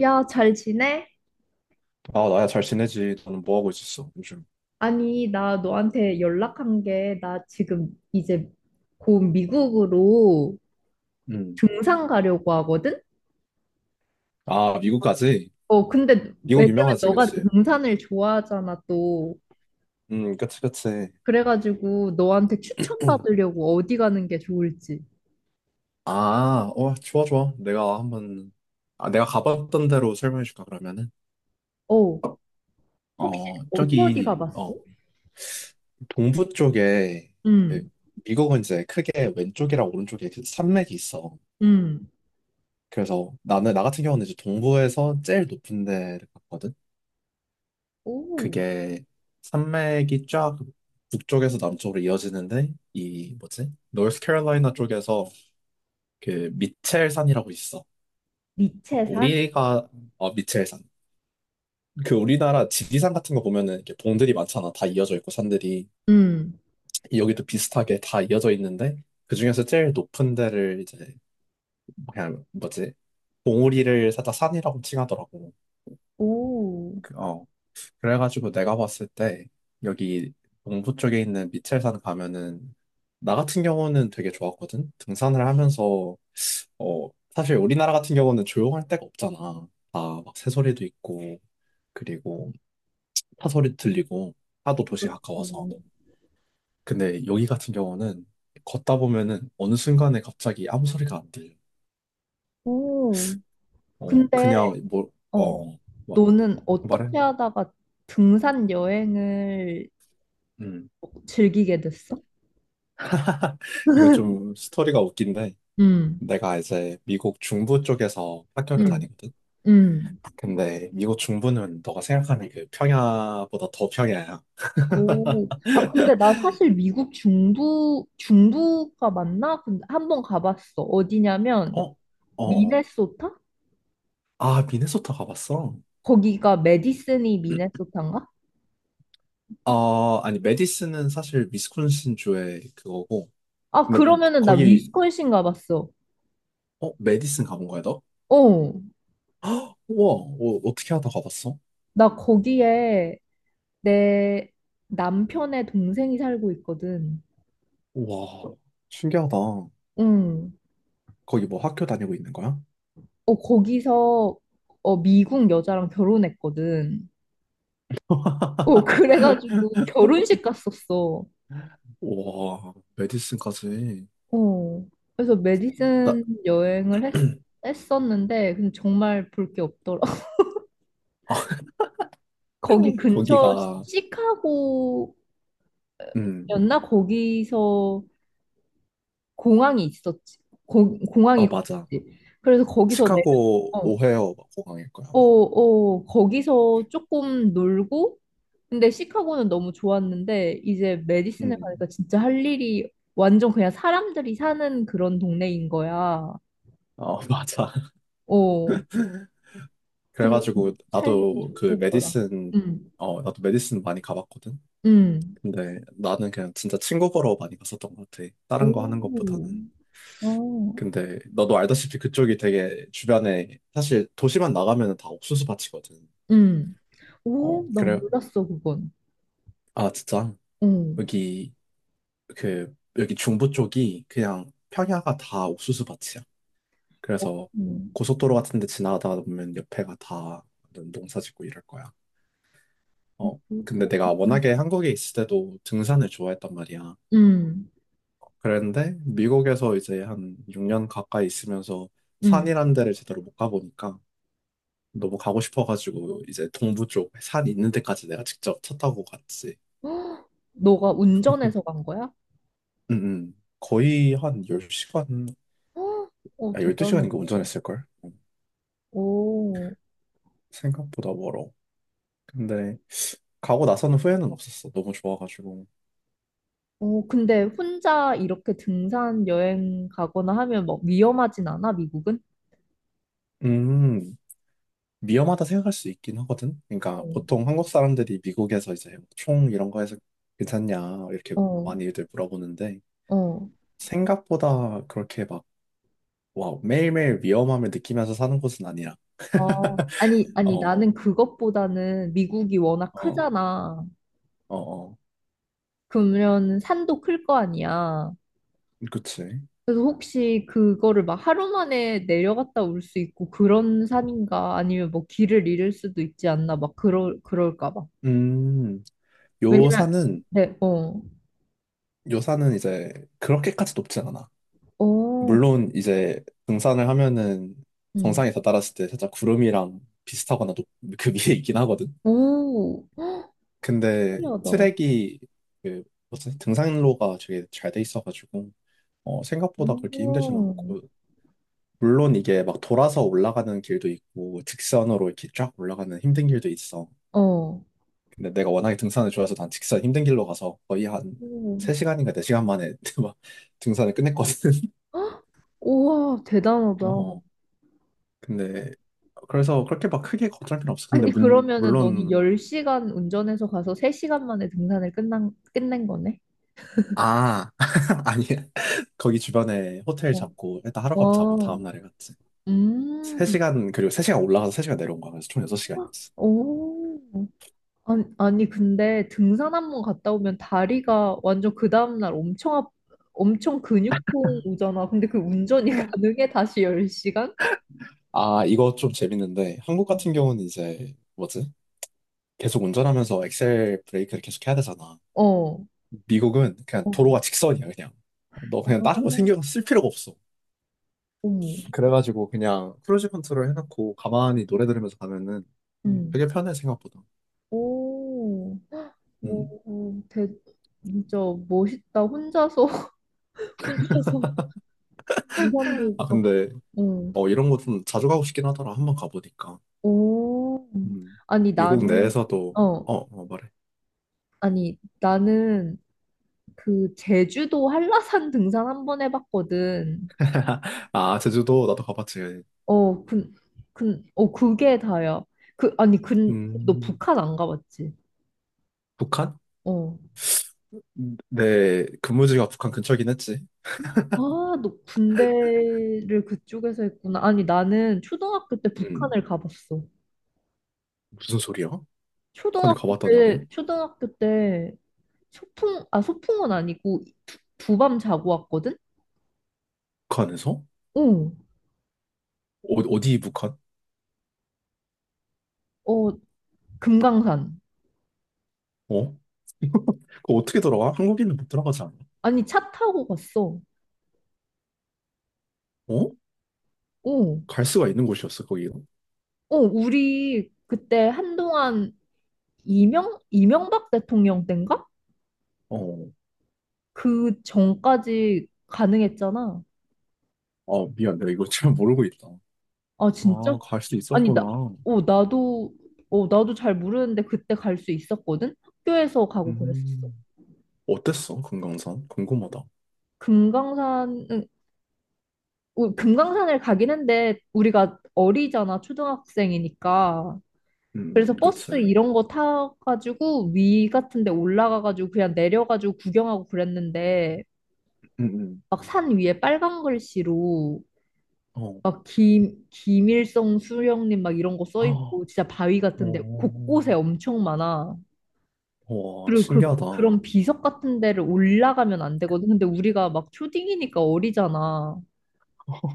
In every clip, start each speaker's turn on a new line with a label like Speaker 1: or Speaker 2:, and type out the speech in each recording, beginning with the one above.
Speaker 1: 야, 잘 지내?
Speaker 2: 아, 나야 잘 지내지. 너는 뭐 하고 있었어, 요즘?
Speaker 1: 아니, 나 너한테 연락한 게, 나 지금 이제 곧 미국으로
Speaker 2: 음.
Speaker 1: 등산 가려고 하거든?
Speaker 2: 아, 미국까지?
Speaker 1: 어, 근데
Speaker 2: 미국
Speaker 1: 왜냐면
Speaker 2: 유명하지,
Speaker 1: 너가
Speaker 2: 그치?
Speaker 1: 등산을 좋아하잖아, 또.
Speaker 2: 그치, 그치.
Speaker 1: 그래가지고 너한테 추천받으려고 어디 가는 게 좋을지.
Speaker 2: 아, 어, 좋아, 좋아. 내가 한번, 아, 내가 가봤던 대로 설명해 줄까, 그러면은?
Speaker 1: 어, 혹시
Speaker 2: 어,
Speaker 1: 어디 어디
Speaker 2: 저기,
Speaker 1: 가봤어?
Speaker 2: 어, 동부 쪽에, 그
Speaker 1: 응,
Speaker 2: 미국은 이제 크게 왼쪽이랑 오른쪽에 그 산맥이 있어.
Speaker 1: 응.
Speaker 2: 그래서 나는, 나 같은 경우는 이제 동부에서 제일 높은 데를 갔거든?
Speaker 1: 오,
Speaker 2: 그게 산맥이 쫙 북쪽에서 남쪽으로 이어지는데 이 뭐지? 노스캐롤라이나 쪽에서 그 미첼산이라고 있어. 어,
Speaker 1: 미체산?
Speaker 2: 우리가 미첼산. 그 우리나라 지리산 같은 거 보면은 이렇게 봉들이 많잖아. 다 이어져 있고 산들이
Speaker 1: 응.
Speaker 2: 여기도 비슷하게 다 이어져 있는데 그 중에서 제일 높은 데를 이제 그냥 뭐지? 봉우리를 살짝 산이라고 칭하더라고.
Speaker 1: 오,
Speaker 2: 그, 어. 그래가지고 내가 봤을 때 여기 동부 쪽에 있는 미첼산 가면은 나 같은 경우는 되게 좋았거든. 등산을 하면서 사실 우리나라 같은 경우는 조용할 데가 없잖아. 다 막 새소리도 있고 그리고 차소리 들리고 하도 도시 가까워서.
Speaker 1: 그렇지.
Speaker 2: 근데 여기 같은 경우는 걷다 보면은 어느 순간에 갑자기 아무 소리가 안 들려.
Speaker 1: 오,
Speaker 2: 어
Speaker 1: 근데
Speaker 2: 그냥 뭐
Speaker 1: 어,
Speaker 2: 어 뭐,
Speaker 1: 너는
Speaker 2: 말해.
Speaker 1: 어떻게 하다가 등산 여행을
Speaker 2: 음
Speaker 1: 즐기게 됐어?
Speaker 2: 이거 좀 스토리가 웃긴데.
Speaker 1: 음,
Speaker 2: 내가 이제 미국 중부 쪽에서 학교를
Speaker 1: 음,
Speaker 2: 다니거든.
Speaker 1: 음.
Speaker 2: 근데 미국 중부는 너가 생각하는 그 평야보다 더 평야야.
Speaker 1: 오, 아, 근데 나 사실 미국 중부, 중부가 맞나? 근데 한 번 가봤어. 어디냐면,
Speaker 2: 어? 어. 어.
Speaker 1: 미네소타?
Speaker 2: 아, 미네소타 가봤어?
Speaker 1: 거기가 메디슨이 미네소타인가?
Speaker 2: 어, 아니 메디슨은 사실 위스콘신 주의 그거고.
Speaker 1: 아,
Speaker 2: 근데
Speaker 1: 그러면은 나
Speaker 2: 거기
Speaker 1: 위스콘신 가봤어.
Speaker 2: 어, 메디슨 가본 거야, 너?
Speaker 1: 어,
Speaker 2: 우와, 어, 어떻게 하다 가봤어?
Speaker 1: 나 거기에 내 남편의 동생이 살고 있거든.
Speaker 2: 우와, 신기하다.
Speaker 1: 응.
Speaker 2: 거기 뭐 학교 다니고 있는 거야?
Speaker 1: 어, 거기서 미국 여자랑 결혼했거든. 어, 그래가지고 결혼식 갔었어.
Speaker 2: 우와, 메디슨까지.
Speaker 1: 어. 그래서
Speaker 2: 나,
Speaker 1: 메디슨 여행을 했, 했었는데, 근데 정말 볼 게 없더라.
Speaker 2: 아,
Speaker 1: 거기 근처
Speaker 2: 거기가,
Speaker 1: 시카고였나?
Speaker 2: 음,
Speaker 1: 거기서 공항이 있었지. 공항이
Speaker 2: 아, 맞아.
Speaker 1: 있었지. 그래서 거기서 내려,
Speaker 2: 시카고 오헤어 공항일 거야,
Speaker 1: 어,
Speaker 2: 아마.
Speaker 1: 어, 거기서 조금 놀고, 근데 시카고는 너무 좋았는데, 이제 메디슨에
Speaker 2: 음.
Speaker 1: 가니까 진짜 할 일이 완전 그냥 사람들이 사는 그런 동네인 거야.
Speaker 2: 어, 맞아.
Speaker 1: 어, 근데
Speaker 2: 그래가지고,
Speaker 1: 살기는
Speaker 2: 나도 그
Speaker 1: 좋겠더라.
Speaker 2: 메디슨,
Speaker 1: 응,
Speaker 2: 어, 나도 메디슨 많이 가봤거든?
Speaker 1: 응,
Speaker 2: 근데 나는 그냥 진짜 친구 보러 많이 갔었던 것 같아. 다른 거 하는
Speaker 1: 오,
Speaker 2: 것보다는.
Speaker 1: 어,
Speaker 2: 근데 너도 알다시피 그쪽이 되게 주변에, 사실 도시만 나가면 다 옥수수 밭이거든.
Speaker 1: 응.
Speaker 2: 어,
Speaker 1: 오, 난
Speaker 2: 그래.
Speaker 1: 몰랐어, 그건.
Speaker 2: 아, 진짜?
Speaker 1: 응,
Speaker 2: 여기, 그, 여기 중부 쪽이 그냥 평야가 다 옥수수 밭이야.
Speaker 1: 어,
Speaker 2: 그래서
Speaker 1: 응.
Speaker 2: 고속도로 같은 데 지나가다 보면 옆에가 다 농사 짓고 이럴 거야. 어. 근데 내가
Speaker 1: 그렇구나.
Speaker 2: 워낙에 한국에 있을 때도 등산을 좋아했단 말이야.
Speaker 1: 응,
Speaker 2: 그런데 미국에서 이제 한 6년 가까이 있으면서
Speaker 1: 응.
Speaker 2: 산이란 데를 제대로 못 가보니까 너무 가고 싶어가지고 이제 동부 쪽 산 있는 데까지 내가 직접 차 타고 갔지.
Speaker 1: 너가 운전해서 간 거야?
Speaker 2: 응응. 거의 한 10시간,
Speaker 1: 어,
Speaker 2: 아,
Speaker 1: 대단하다.
Speaker 2: 12시간인가 운전했을걸?
Speaker 1: 오.
Speaker 2: 생각보다 멀어. 근데 가고 나서는 후회는 없었어. 너무 좋아가지고.
Speaker 1: 어, 근데 혼자 이렇게 등산 여행 가거나 하면 막 위험하진 않아, 미국은?
Speaker 2: 음, 위험하다 생각할 수 있긴 하거든.
Speaker 1: 어,
Speaker 2: 그러니까 보통 한국 사람들이 미국에서 이제 총 이런 거에서 괜찮냐 이렇게
Speaker 1: 어,
Speaker 2: 많이들 물어보는데
Speaker 1: 어.
Speaker 2: 생각보다 그렇게 막 와, 매일매일 위험함을 느끼면서 사는 곳은 아니라.
Speaker 1: 어, 아니, 아니,
Speaker 2: 어,
Speaker 1: 나는 그것보다는 미국이 워낙
Speaker 2: 어,
Speaker 1: 크잖아.
Speaker 2: 어, 어.
Speaker 1: 그러면 산도 클 거 아니야.
Speaker 2: 그치.
Speaker 1: 그래서 혹시 그거를 막 하루 만에 내려갔다 올 수 있고 그런 산인가? 아니면 뭐 길을 잃을 수도 있지 않나? 막 그럴까 봐.
Speaker 2: 음,
Speaker 1: 왜냐면,
Speaker 2: 요산은
Speaker 1: 네, 어,
Speaker 2: 요산은 이제 그렇게까지 높진 않아.
Speaker 1: 어,
Speaker 2: 물론 이제 등산을 하면은
Speaker 1: 음.
Speaker 2: 정상에 다다랐을 때 살짝 구름이랑 비슷하거나 높, 그 위에 있긴 하거든.
Speaker 1: 오,
Speaker 2: 근데
Speaker 1: 신기하다.
Speaker 2: 트랙이 그 뭐지? 등산로가 되게 잘 돼 있어가지고 어, 생각보다 그렇게 힘들진
Speaker 1: 오.
Speaker 2: 않고 물론 이게 막 돌아서 올라가는 길도 있고 직선으로 이렇게 쫙 올라가는 힘든 길도 있어.
Speaker 1: 어.
Speaker 2: 근데 내가 워낙에 등산을 좋아해서 난 직선 힘든 길로 가서 거의 한
Speaker 1: 오,
Speaker 2: 3시간인가 4시간 만에 막 등산을 끝냈거든.
Speaker 1: 헉, 우와, 대단하다.
Speaker 2: 어, 근데 그래서 그렇게 막 크게 걱정할 필요 없어. 근데
Speaker 1: 아니,
Speaker 2: 문,
Speaker 1: 그러면은 너는
Speaker 2: 물론
Speaker 1: 10시간 운전해서 가서 3시간 만에 등산을 끝낸 거네?
Speaker 2: 아 아니 거기 주변에 호텔
Speaker 1: 어.
Speaker 2: 잡고 일단 하룻밤 자고
Speaker 1: 와,
Speaker 2: 다음날에 갔지.
Speaker 1: 음,
Speaker 2: 3시간, 그리고 3시간 올라가서 3시간 내려온 거야. 그래서 총 6시간이었어.
Speaker 1: 오. 아니, 아니, 근데 등산 한 번 갔다 오면 다리가 완전 그 다음날 엄청 근육통 오잖아. 근데 그 운전이 가능해? 다시 10시간?
Speaker 2: 아, 이거 좀 재밌는데, 한국
Speaker 1: 어,
Speaker 2: 같은 경우는 이제, 뭐지? 계속 운전하면서 엑셀 브레이크를 계속 해야 되잖아.
Speaker 1: 어.
Speaker 2: 미국은 그냥
Speaker 1: 어.
Speaker 2: 도로가 직선이야, 그냥. 너
Speaker 1: 아,
Speaker 2: 그냥 다른 거
Speaker 1: 어머.
Speaker 2: 신경 쓸 필요가 없어. 그래가지고 그냥 크루즈 컨트롤 해놓고 가만히 노래 들으면서 가면은
Speaker 1: 음.
Speaker 2: 되게 편해, 생각보다.
Speaker 1: 오.
Speaker 2: 음.
Speaker 1: 오, 되게 진짜 멋있다. 혼자서 혼자서 등산도
Speaker 2: 아,
Speaker 1: 막,
Speaker 2: 근데,
Speaker 1: 응.
Speaker 2: 어, 이런 거 좀 자주 가고 싶긴 하더라. 한번 가보니까.
Speaker 1: 오,
Speaker 2: 음.
Speaker 1: 아니
Speaker 2: 미국
Speaker 1: 나는
Speaker 2: 내에서도,
Speaker 1: 어,
Speaker 2: 어, 어, 말해.
Speaker 1: 아니 나는 그 제주도 한라산 등산 한번 해봤거든.
Speaker 2: 아, 제주도 나도 가봤지.
Speaker 1: 어, 그게 다야. 그 아니, 너
Speaker 2: 음.
Speaker 1: 북한 안 가봤지?
Speaker 2: 북한?
Speaker 1: 어.
Speaker 2: 내 근무지가 북한 근처긴 했지.
Speaker 1: 아, 너 군대를 그쪽에서 했구나. 아니 나는 초등학교 때
Speaker 2: 음,
Speaker 1: 북한을 가봤어.
Speaker 2: 무슨 소리야? 북한에
Speaker 1: 초등학교
Speaker 2: 가봤다는 게
Speaker 1: 때, 초등학교 때 아, 소풍은 아니고 두밤 자고 왔거든?
Speaker 2: 북한에서?
Speaker 1: 어,
Speaker 2: 어, 어디 북한?
Speaker 1: 어, 금강산.
Speaker 2: 어? 그거 어떻게 들어가? 한국인은 못 들어가지 않아?
Speaker 1: 아니, 차 타고 갔어.
Speaker 2: 어?
Speaker 1: 어,
Speaker 2: 갈 수가 있는 곳이었어 거기가.
Speaker 1: 어, 우리 그때 한동안 이명박 대통령 땐가?
Speaker 2: 어,
Speaker 1: 그 전까지 가능했잖아.
Speaker 2: 아 미안 내가 이거 잘 모르고 있다.
Speaker 1: 아, 진짜?
Speaker 2: 아, 갈 수
Speaker 1: 아니, 나,
Speaker 2: 있었구나.
Speaker 1: 어, 나도, 어, 나도 잘 모르는데 그때 갈 수 있었거든? 학교에서 가고 그랬었어.
Speaker 2: 음, 어땠어 금강산? 궁금하다.
Speaker 1: 금강산은, 금강산을 가긴 했는데 우리가 어리잖아, 초등학생이니까. 그래서
Speaker 2: 그치.
Speaker 1: 버스 이런 거 타가지고 위 같은 데 올라가가지고 그냥 내려가지고 구경하고 그랬는데
Speaker 2: 음.
Speaker 1: 막 산 위에 빨간 글씨로
Speaker 2: 어,
Speaker 1: 막 김일성 수령님 막 이런 거 써
Speaker 2: 아,
Speaker 1: 있고 진짜 바위 같은 데
Speaker 2: 오,
Speaker 1: 곳곳에 엄청 많아.
Speaker 2: 와
Speaker 1: 그리고 그,
Speaker 2: 신기하다.
Speaker 1: 그런 비석 같은 데를 올라가면 안 되거든. 근데 우리가 막 초딩이니까 어리잖아.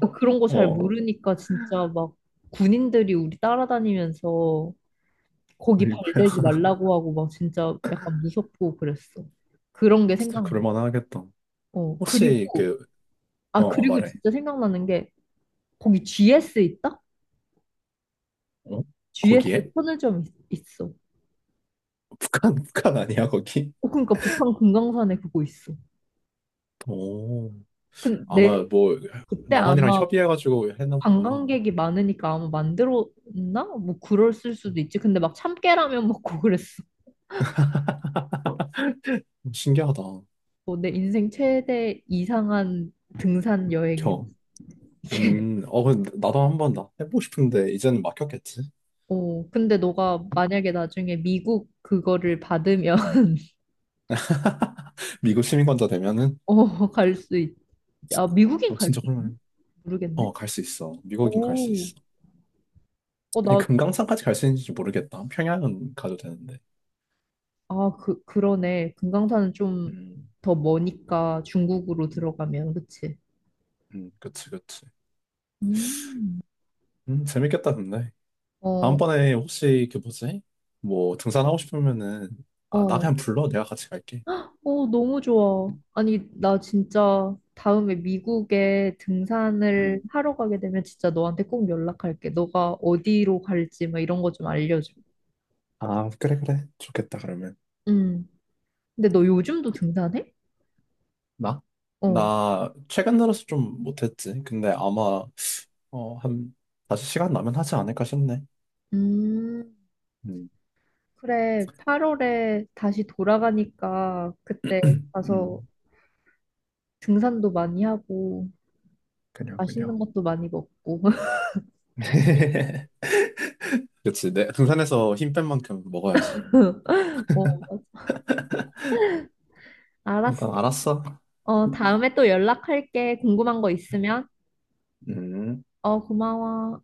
Speaker 1: 그러니까 그런 거 잘
Speaker 2: 어,
Speaker 1: 모르니까 진짜 막 군인들이 우리 따라다니면서 거기
Speaker 2: 아이고
Speaker 1: 발대지 말라고 하고 막 진짜 약간 무섭고 그랬어. 그런 게
Speaker 2: 진짜
Speaker 1: 생각나.
Speaker 2: 그럴만하겠다.
Speaker 1: 어,
Speaker 2: 혹시
Speaker 1: 그리고,
Speaker 2: 그, 어,
Speaker 1: 아,
Speaker 2: 어,
Speaker 1: 그리고
Speaker 2: 말해.
Speaker 1: 진짜 생각나는 게 거기 GS 있다?
Speaker 2: 어?
Speaker 1: GS
Speaker 2: 거기에?
Speaker 1: 편의점 있어.
Speaker 2: 북한, 북한 아니야, 거기?
Speaker 1: 어, 그러니까 북한 금강산에 그거 있어.
Speaker 2: 오,
Speaker 1: 근데
Speaker 2: 아마 뭐,
Speaker 1: 그때
Speaker 2: 남한이랑
Speaker 1: 아마
Speaker 2: 협의해가지고 해놨구나.
Speaker 1: 관광객이 많으니까 아마 만들었나? 뭐 그랬을 수도 있지. 근데 막 참깨라면 먹고 그랬어.
Speaker 2: 신기하다.
Speaker 1: 어, 내 인생 최대 이상한 등산 여행이야.
Speaker 2: 겨. 어, 근데 나도 한번 나 해보고 싶은데, 이제는 막혔겠지?
Speaker 1: 어, 근데 너가 만약에 나중에 미국 그거를 받으면
Speaker 2: 미국 시민권자 되면은,
Speaker 1: 어, 갈 수 있. 아, 미국인
Speaker 2: 어,
Speaker 1: 갈 수
Speaker 2: 진짜
Speaker 1: 있
Speaker 2: 그러면,
Speaker 1: 모르겠네.
Speaker 2: 어, 갈 수 있어. 미국인 갈 수
Speaker 1: 오.
Speaker 2: 있어.
Speaker 1: 어,
Speaker 2: 근데
Speaker 1: 나,
Speaker 2: 금강산까지 갈 수 있는지 모르겠다. 평양은 가도 되는데.
Speaker 1: 아, 그러네. 금강산은 좀
Speaker 2: 음,
Speaker 1: 더 머니까 중국으로 들어가면, 그치?
Speaker 2: 그치, 그치.
Speaker 1: 음.
Speaker 2: 재밌겠다, 근데.
Speaker 1: 어,
Speaker 2: 다음번에 혹시 그 뭐지? 뭐 등산하고 싶으면은 아, 나
Speaker 1: 어,
Speaker 2: 그냥 불러. 내가 같이 갈게.
Speaker 1: 어, 너무 좋아. 아니, 나 진짜 다음에 미국에 등산을
Speaker 2: 음.
Speaker 1: 하러 가게 되면 진짜 너한테 꼭 연락할게. 너가 어디로 갈지 막 이런 거 좀 알려줘.
Speaker 2: 아, 그래, 그래. 좋겠다, 그러면.
Speaker 1: 음. 근데 너 요즘도 등산해?
Speaker 2: 나?
Speaker 1: 어.
Speaker 2: 나 최근 들어서 좀 못했지. 근데 아마 어, 한 다시 시간 나면 하지 않을까 싶네.
Speaker 1: 음,
Speaker 2: 음,
Speaker 1: 그래. 8월에 다시 돌아가니까 그때 가서
Speaker 2: 음,
Speaker 1: 등산도 많이 하고
Speaker 2: 그려, 그려.
Speaker 1: 맛있는 것도 많이 먹고.
Speaker 2: 그치. 내 등산에서 힘 뺀 만큼 먹어야지.
Speaker 1: 어, 알았어.
Speaker 2: 일단 알았어.
Speaker 1: 어, 다음에 또 연락할게. 궁금한 거 있으면.
Speaker 2: 음.
Speaker 1: 어, 고마워.